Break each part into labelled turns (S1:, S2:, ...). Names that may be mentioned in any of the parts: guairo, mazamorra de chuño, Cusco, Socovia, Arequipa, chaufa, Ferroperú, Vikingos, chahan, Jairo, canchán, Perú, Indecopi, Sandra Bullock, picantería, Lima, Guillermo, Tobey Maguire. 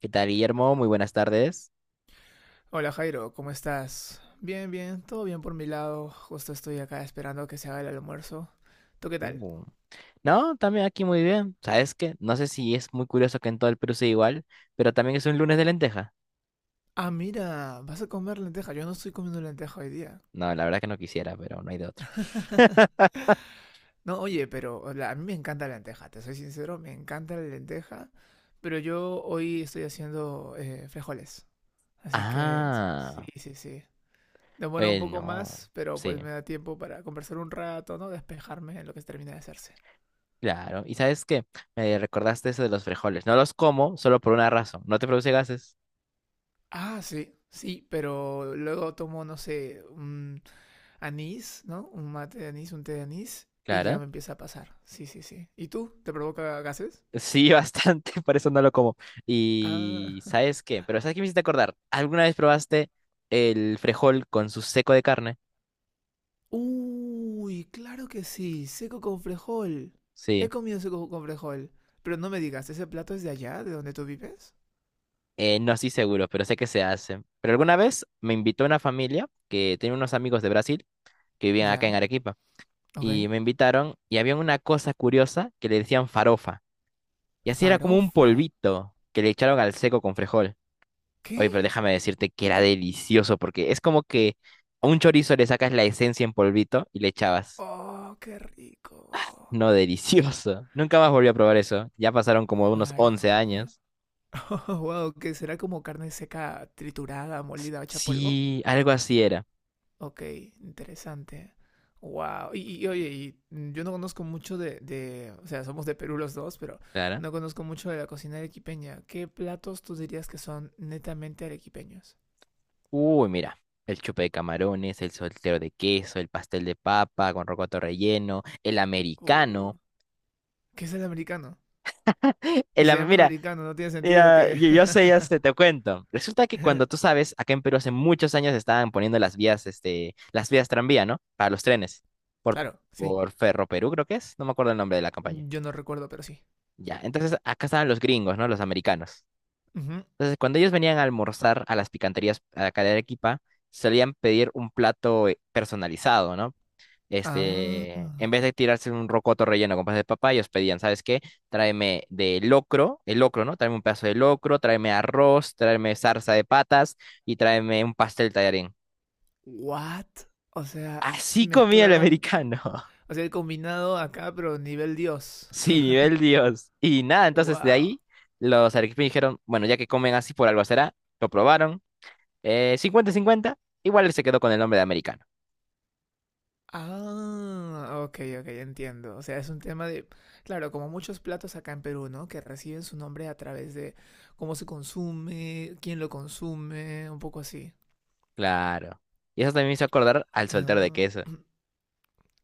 S1: ¿Qué tal, Guillermo? Muy buenas tardes.
S2: Hola Jairo, ¿cómo estás? Bien, bien, todo bien por mi lado. Justo estoy acá esperando que se haga el almuerzo. ¿Tú qué tal?
S1: Uh, No, también aquí muy bien. ¿Sabes qué? No sé si es muy curioso que en todo el Perú sea igual, pero también es un lunes de lenteja.
S2: Ah, mira, vas a comer lenteja. Yo no estoy comiendo lenteja hoy día.
S1: No, la verdad que no quisiera, pero no hay de otra.
S2: No, oye, pero a mí me encanta la lenteja, te soy sincero, me encanta la lenteja, pero yo hoy estoy haciendo frijoles, así que sí,
S1: Ah,
S2: sí, sí. Demora un
S1: oye,
S2: poco
S1: no.
S2: más, pero
S1: Sí,
S2: pues me da tiempo para conversar un rato, ¿no? Despejarme en lo que termina de hacerse.
S1: claro. ¿Y sabes qué? Me recordaste eso de los frijoles. No los como solo por una razón. No te produce gases.
S2: Ah, sí, sí, pero luego tomo, no sé, un anís, ¿no? Un mate de anís, un té de anís, y ya
S1: Claro.
S2: me empieza a pasar. Sí, sí, sí. ¿Y tú? ¿Te provoca gases?
S1: Sí, bastante, por eso no lo como.
S2: Ah.
S1: Y ¿sabes qué? Pero ¿sabes qué me hiciste acordar? ¿Alguna vez probaste el frijol con su seco de carne?
S2: Uy, claro que sí, seco con frejol. He
S1: Sí.
S2: comido seco con frejol. Pero no me digas, ¿ese plato es de allá, de donde tú vives?
S1: No estoy seguro, pero sé que se hace. Pero alguna vez me invitó una familia que tenía unos amigos de Brasil que vivían acá en
S2: Ya,
S1: Arequipa.
S2: ok.
S1: Y me invitaron y había una cosa curiosa que le decían farofa. Y así era como un
S2: Farofa.
S1: polvito que le echaron al seco con frijol. Oye, pero
S2: ¿Qué?
S1: déjame decirte que era delicioso porque es como que a un chorizo le sacas la esencia en polvito y le echabas.
S2: Oh, qué rico.
S1: No, delicioso. Nunca más volví a probar eso. Ya pasaron como unos 11
S2: Farofa.
S1: años.
S2: Oh, wow, que será como carne seca triturada, molida, hecha polvo.
S1: Sí, algo así era.
S2: Ok, interesante. Wow. Oye, y yo no conozco mucho o sea, somos de Perú los dos, pero
S1: Claro.
S2: no conozco mucho de la cocina arequipeña. ¿Qué platos tú dirías que son netamente arequipeños?
S1: Uy, mira, el chupe de camarones, el soltero de queso, el pastel de papa con rocoto relleno, el americano.
S2: Uh, ¿Qué es el americano?
S1: El,
S2: Se
S1: am-
S2: llama
S1: mira,
S2: americano, no tiene sentido
S1: mira,
S2: que...
S1: yo sé, ya sé, te cuento. Resulta que cuando tú sabes, acá en Perú hace muchos años estaban poniendo las vías, este, las vías tranvía, ¿no? Para los trenes. Por,
S2: Claro, sí.
S1: por Ferroperú, creo que es. No me acuerdo el nombre de la campaña.
S2: Yo no recuerdo, pero sí.
S1: Ya, entonces acá estaban los gringos, ¿no? Los americanos.
S2: Ujú.
S1: Entonces, cuando ellos venían a almorzar a las picanterías acá de Arequipa, solían pedir un plato personalizado, ¿no?
S2: Ah,
S1: Este, en vez de tirarse un rocoto relleno con pasas de papá, ellos pedían, ¿sabes qué? Tráeme de locro, el locro, ¿no? Tráeme un pedazo de locro, tráeme arroz, tráeme zarza de patas y tráeme un pastel tallarín.
S2: what? O sea,
S1: Así comía el
S2: mezclaron.
S1: americano.
S2: O sea, el combinado acá, pero nivel Dios.
S1: Sí, nivel Dios. Y nada, entonces de
S2: Wow.
S1: ahí los arequipeños dijeron, bueno, ya que comen así por algo será, lo probaron, cincuenta 50 igual él se quedó con el nombre de americano.
S2: Ah, ok, ok, entiendo. O sea, es un tema de, claro, como muchos platos acá en Perú, ¿no? Que reciben su nombre a través de cómo se consume, quién lo consume, un poco así.
S1: Claro. Y eso también me hizo acordar al soltero de queso.
S2: Ah,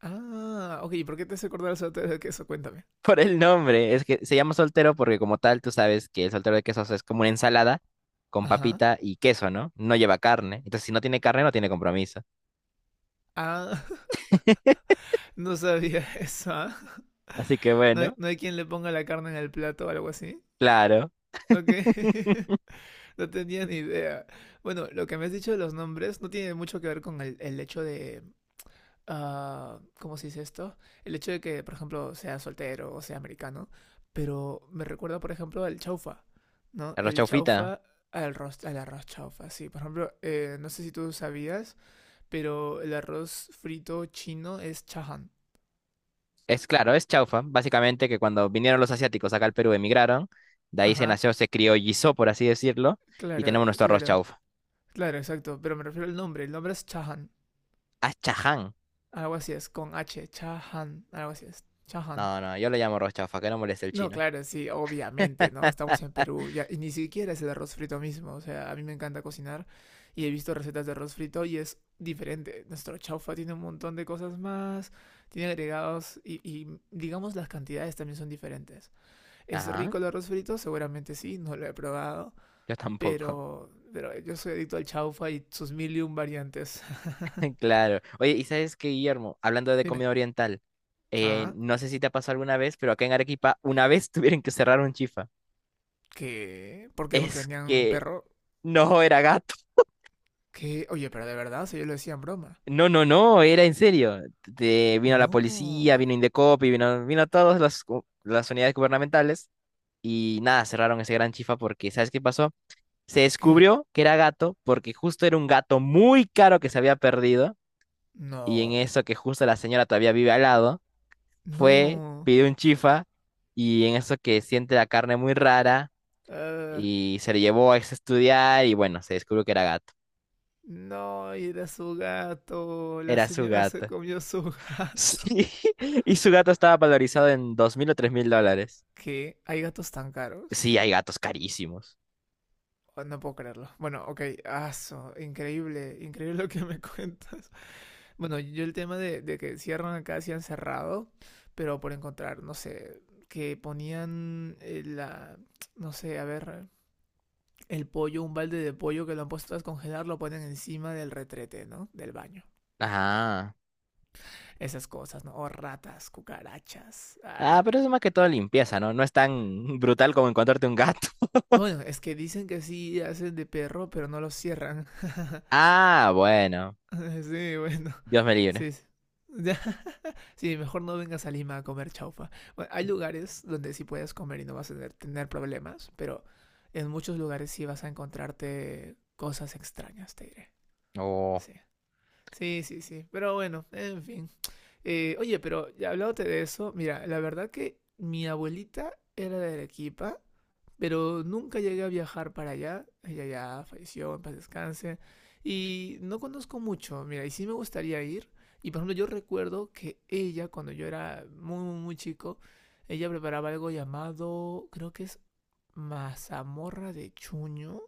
S2: ah, ok, ¿y por qué te hace acordar el saltero de queso? Cuéntame.
S1: Por el nombre. Es que se llama soltero porque como tal tú sabes que el soltero de quesos es como una ensalada con
S2: Ajá.
S1: papita y queso, ¿no? No lleva carne. Entonces, si no tiene carne, no tiene compromiso.
S2: Ah, no sabía eso, ¿ah?
S1: Así que
S2: ¿No hay,
S1: bueno,
S2: no hay quien le ponga la carne en el plato o algo así?
S1: claro.
S2: Ok. No tenía ni idea. Bueno, lo que me has dicho de los nombres no tiene mucho que ver con el hecho de... ah, ¿cómo se dice esto? El hecho de que, por ejemplo, sea soltero o sea americano. Pero me recuerda, por ejemplo, al chaufa, ¿no?
S1: Arroz
S2: El
S1: chaufita.
S2: chaufa al arroz chaufa, sí. Por ejemplo, no sé si tú sabías, pero el arroz frito chino es chahan.
S1: Es claro, es chaufa. Básicamente que cuando vinieron los asiáticos acá al Perú, emigraron. De ahí se
S2: Ajá,
S1: nació, se criollizó, por así decirlo. Y
S2: claro,
S1: tenemos nuestro arroz
S2: claro,
S1: chaufa.
S2: claro, exacto. Pero me refiero al nombre. El nombre es chahan.
S1: Ah, chaján.
S2: Algo así es, con H, chahan, algo así es, chahan.
S1: No, no, yo le llamo arroz chaufa, que no moleste el
S2: No,
S1: chino.
S2: claro, sí, obviamente, ¿no? Estamos en Perú, ya, y ni siquiera es el arroz frito mismo, o sea, a mí me encanta cocinar y he visto recetas de arroz frito y es diferente. Nuestro chaufa tiene un montón de cosas más, tiene agregados y digamos las cantidades también son diferentes. ¿Es
S1: Ajá,
S2: rico el arroz frito? Seguramente sí, no lo he probado,
S1: yo tampoco.
S2: pero yo soy adicto al chaufa y sus mil y un variantes.
S1: Claro. Oye, ¿y sabes qué, Guillermo? Hablando de
S2: Dime.
S1: comida oriental,
S2: Ah,
S1: no sé si te ha pasado alguna vez, pero acá en Arequipa una vez tuvieron que cerrar un chifa.
S2: ¿qué? ¿Por qué? ¿Porque
S1: Es
S2: vendían un
S1: que
S2: perro?
S1: no era gato.
S2: ¿Qué? Oye, pero de verdad, o sea, yo lo decía en broma.
S1: No, no, no, era en serio. Vino la policía,
S2: No.
S1: vino Indecopi, vino todas las unidades gubernamentales y nada, cerraron ese gran chifa porque, ¿sabes qué pasó? Se
S2: ¿Qué?
S1: descubrió que era gato porque justo era un gato muy caro que se había perdido y en
S2: No.
S1: eso que justo la señora todavía vive al lado. Fue,
S2: No.
S1: pidió un chifa y en eso que siente la carne muy rara
S2: Eh,
S1: y se le llevó a estudiar y bueno, se descubrió que era gato.
S2: no, era su gato. La
S1: Era su
S2: señora se
S1: gato.
S2: comió su gato.
S1: Sí, y su gato estaba valorizado en $2000 o $3000.
S2: ¿Qué? ¿Hay gatos tan caros?
S1: Sí, hay gatos carísimos.
S2: Oh, no puedo creerlo. Bueno, ok, aso, increíble, increíble lo que me cuentas. Bueno, yo el tema de que cierran acá, sí han cerrado, pero por encontrar, no sé, que ponían la, no sé, a ver, el pollo, un balde de pollo que lo han puesto a descongelar, lo ponen encima del retrete, ¿no? Del baño.
S1: Ajá.
S2: Esas cosas, ¿no? O ratas, cucarachas.
S1: Ah,
S2: Ah.
S1: pero eso es más que todo limpieza, ¿no? No es tan brutal como encontrarte un gato.
S2: Bueno, es que dicen que sí hacen de perro, pero no lo cierran.
S1: Ah, bueno.
S2: Sí, bueno.
S1: Dios me libre.
S2: Sí. Sí, mejor no vengas a Lima a comer chaufa. Bueno, hay lugares donde sí puedes comer y no vas a tener, tener problemas, pero en muchos lugares sí vas a encontrarte cosas extrañas, te diré.
S1: Oh.
S2: Sí. Sí, sí, sí. Pero bueno, en fin. Oye, pero ya hablándote de eso, mira, la verdad que mi abuelita era de Arequipa, pero nunca llegué a viajar para allá. Ella ya falleció, en paz descanse. Y no conozco mucho, mira, y sí me gustaría ir. Y por ejemplo, yo recuerdo que ella, cuando yo era muy, muy, muy chico, ella preparaba algo llamado, creo que es mazamorra de chuño,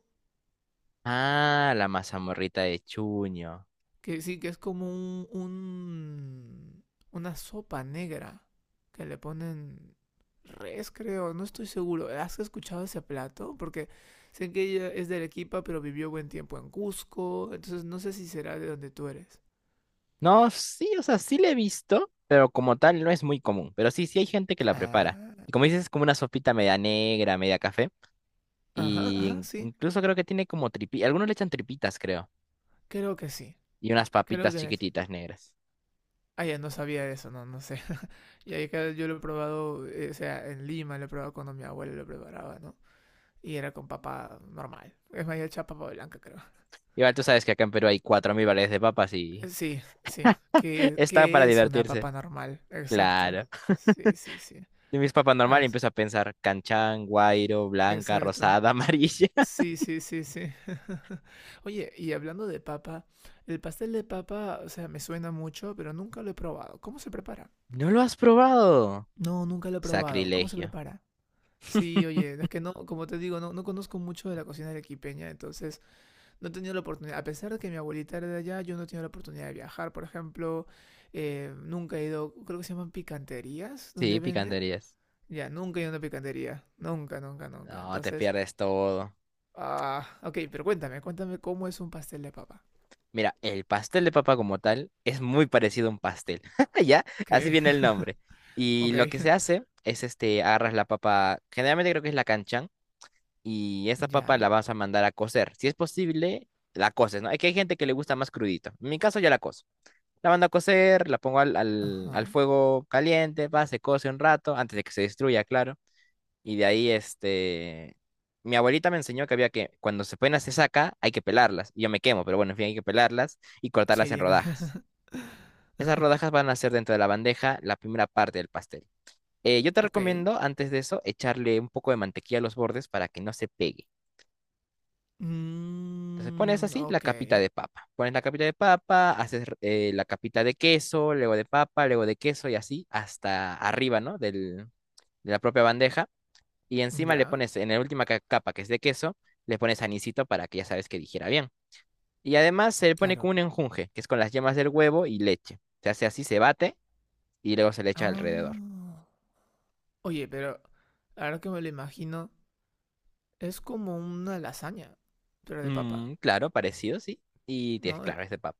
S1: Ah, la mazamorrita de Chuño.
S2: que sí, que es como una sopa negra que le ponen res, creo, no estoy seguro. ¿Has escuchado ese plato? Porque sé que ella es de Arequipa, pero vivió buen tiempo en Cusco, entonces no sé si será de donde tú eres.
S1: No, sí, o sea, sí la he visto, pero como tal no es muy común. Pero sí, sí hay gente que la prepara.
S2: Ah,
S1: Y como dices, es como una sopita media negra, media café.
S2: ajá,
S1: Y
S2: ajá,
S1: in-
S2: sí,
S1: incluso creo que tiene como tripitas. Algunos le echan tripitas, creo.
S2: creo que sí,
S1: Y unas
S2: creo
S1: papitas
S2: que sí.
S1: chiquititas negras.
S2: Ah, ya no sabía de eso, no, no sé. Y ahí claro, yo lo he probado, o sea, en Lima lo he probado cuando mi abuela lo preparaba, ¿no? Y era con papa normal. Es más, ya hecha papa blanca, creo.
S1: Igual tú sabes que acá en Perú hay 4000 variedades de papas y
S2: Sí, sí. ¿Qué,
S1: está para
S2: qué es una
S1: divertirse.
S2: papa normal? Exacto.
S1: Claro.
S2: Sí, sí, sí.
S1: Yo mis papas normal y
S2: Ah,
S1: empiezo a pensar canchán, guairo, blanca,
S2: exacto.
S1: rosada, amarilla.
S2: Sí, sí, sí, sí. Oye, y hablando de papa, el pastel de papa, o sea, me suena mucho, pero nunca lo he probado. ¿Cómo se prepara?
S1: ¿No lo has probado?
S2: No, nunca lo he probado. ¿Cómo se
S1: Sacrilegio.
S2: prepara? Sí, oye, es que no, como te digo, no, no conozco mucho de la cocina arequipeña, entonces no he tenido la oportunidad. A pesar de que mi abuelita era de allá, yo no he tenido la oportunidad de viajar, por ejemplo. Eh, nunca he ido, creo que se llaman picanterías,
S1: Sí,
S2: donde venden.
S1: picanterías.
S2: Ya, nunca he ido a una picantería. Nunca, nunca, nunca.
S1: No, te
S2: Entonces,
S1: pierdes todo.
S2: ah, ok, pero cuéntame, cuéntame cómo es un pastel de papa.
S1: Mira, el pastel de papa como tal es muy parecido a un pastel, ¿ya? Así
S2: ¿Qué?
S1: viene el nombre. Y
S2: Ok.
S1: lo que se hace es, este, agarras la papa, generalmente creo que es la canchán, y esta papa la
S2: Ya.
S1: vas a mandar a cocer. Si es posible, la coces, ¿no? Es que hay gente que le gusta más crudito. En mi caso ya la cozo. La mando a cocer, la pongo al, al,
S2: Ajá.
S1: al fuego caliente, va, se cose un rato, antes de que se destruya, claro. Y de ahí, este, mi abuelita me enseñó que había que, cuando se ponen hacer saca, hay que pelarlas. Y yo me quemo, pero bueno, en fin, hay que pelarlas y
S2: Sí,
S1: cortarlas en
S2: tiene que ser.
S1: rodajas. Esas rodajas van a ser dentro de la bandeja la primera parte del pastel. Yo te
S2: Ok.
S1: recomiendo, antes de eso, echarle un poco de mantequilla a los bordes para que no se pegue. Entonces pones
S2: Mm,
S1: así la
S2: ok.
S1: capita de papa. Pones la capita de papa, haces la capita de queso, luego de papa, luego de queso y así hasta arriba, ¿no? Del, de la propia bandeja. Y encima le
S2: Ya.
S1: pones, en la última capa, que es de queso, le pones anisito para que ya sabes que dijera bien. Y además se le pone con
S2: Claro.
S1: un enjunje, que es con las yemas del huevo y leche. Se hace así, se bate y luego se le echa alrededor.
S2: Ah. Oye, pero ahora que me lo imagino, es como una lasaña, pero de papa,
S1: Mm, claro, parecido, sí. Y tienes,
S2: ¿no? E-
S1: claro, es de papa.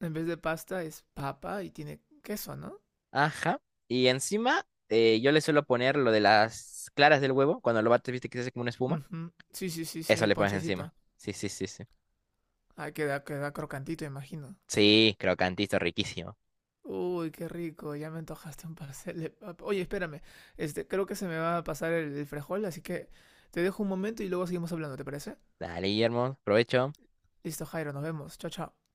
S2: En vez de pasta es papa y tiene queso, ¿no?
S1: Ajá. Y encima yo le suelo poner lo de las claras del huevo. Cuando lo bates, viste que se hace como una espuma.
S2: Ujú. Sí, sí, sí, sí,
S1: Eso
S2: el
S1: le pones encima.
S2: ponchecito.
S1: Sí, sí, sí, sí.
S2: Ah, queda, queda crocantito, imagino.
S1: Sí, crocantito, riquísimo.
S2: Uy, qué rico, ya me antojaste un pastel de papa. Oye, espérame, este, creo que se me va a pasar el frijol, así que te dejo un momento y luego seguimos hablando, ¿te parece?
S1: Dale, Guillermo, provecho.
S2: Listo, Jairo, nos vemos. Chao, chao.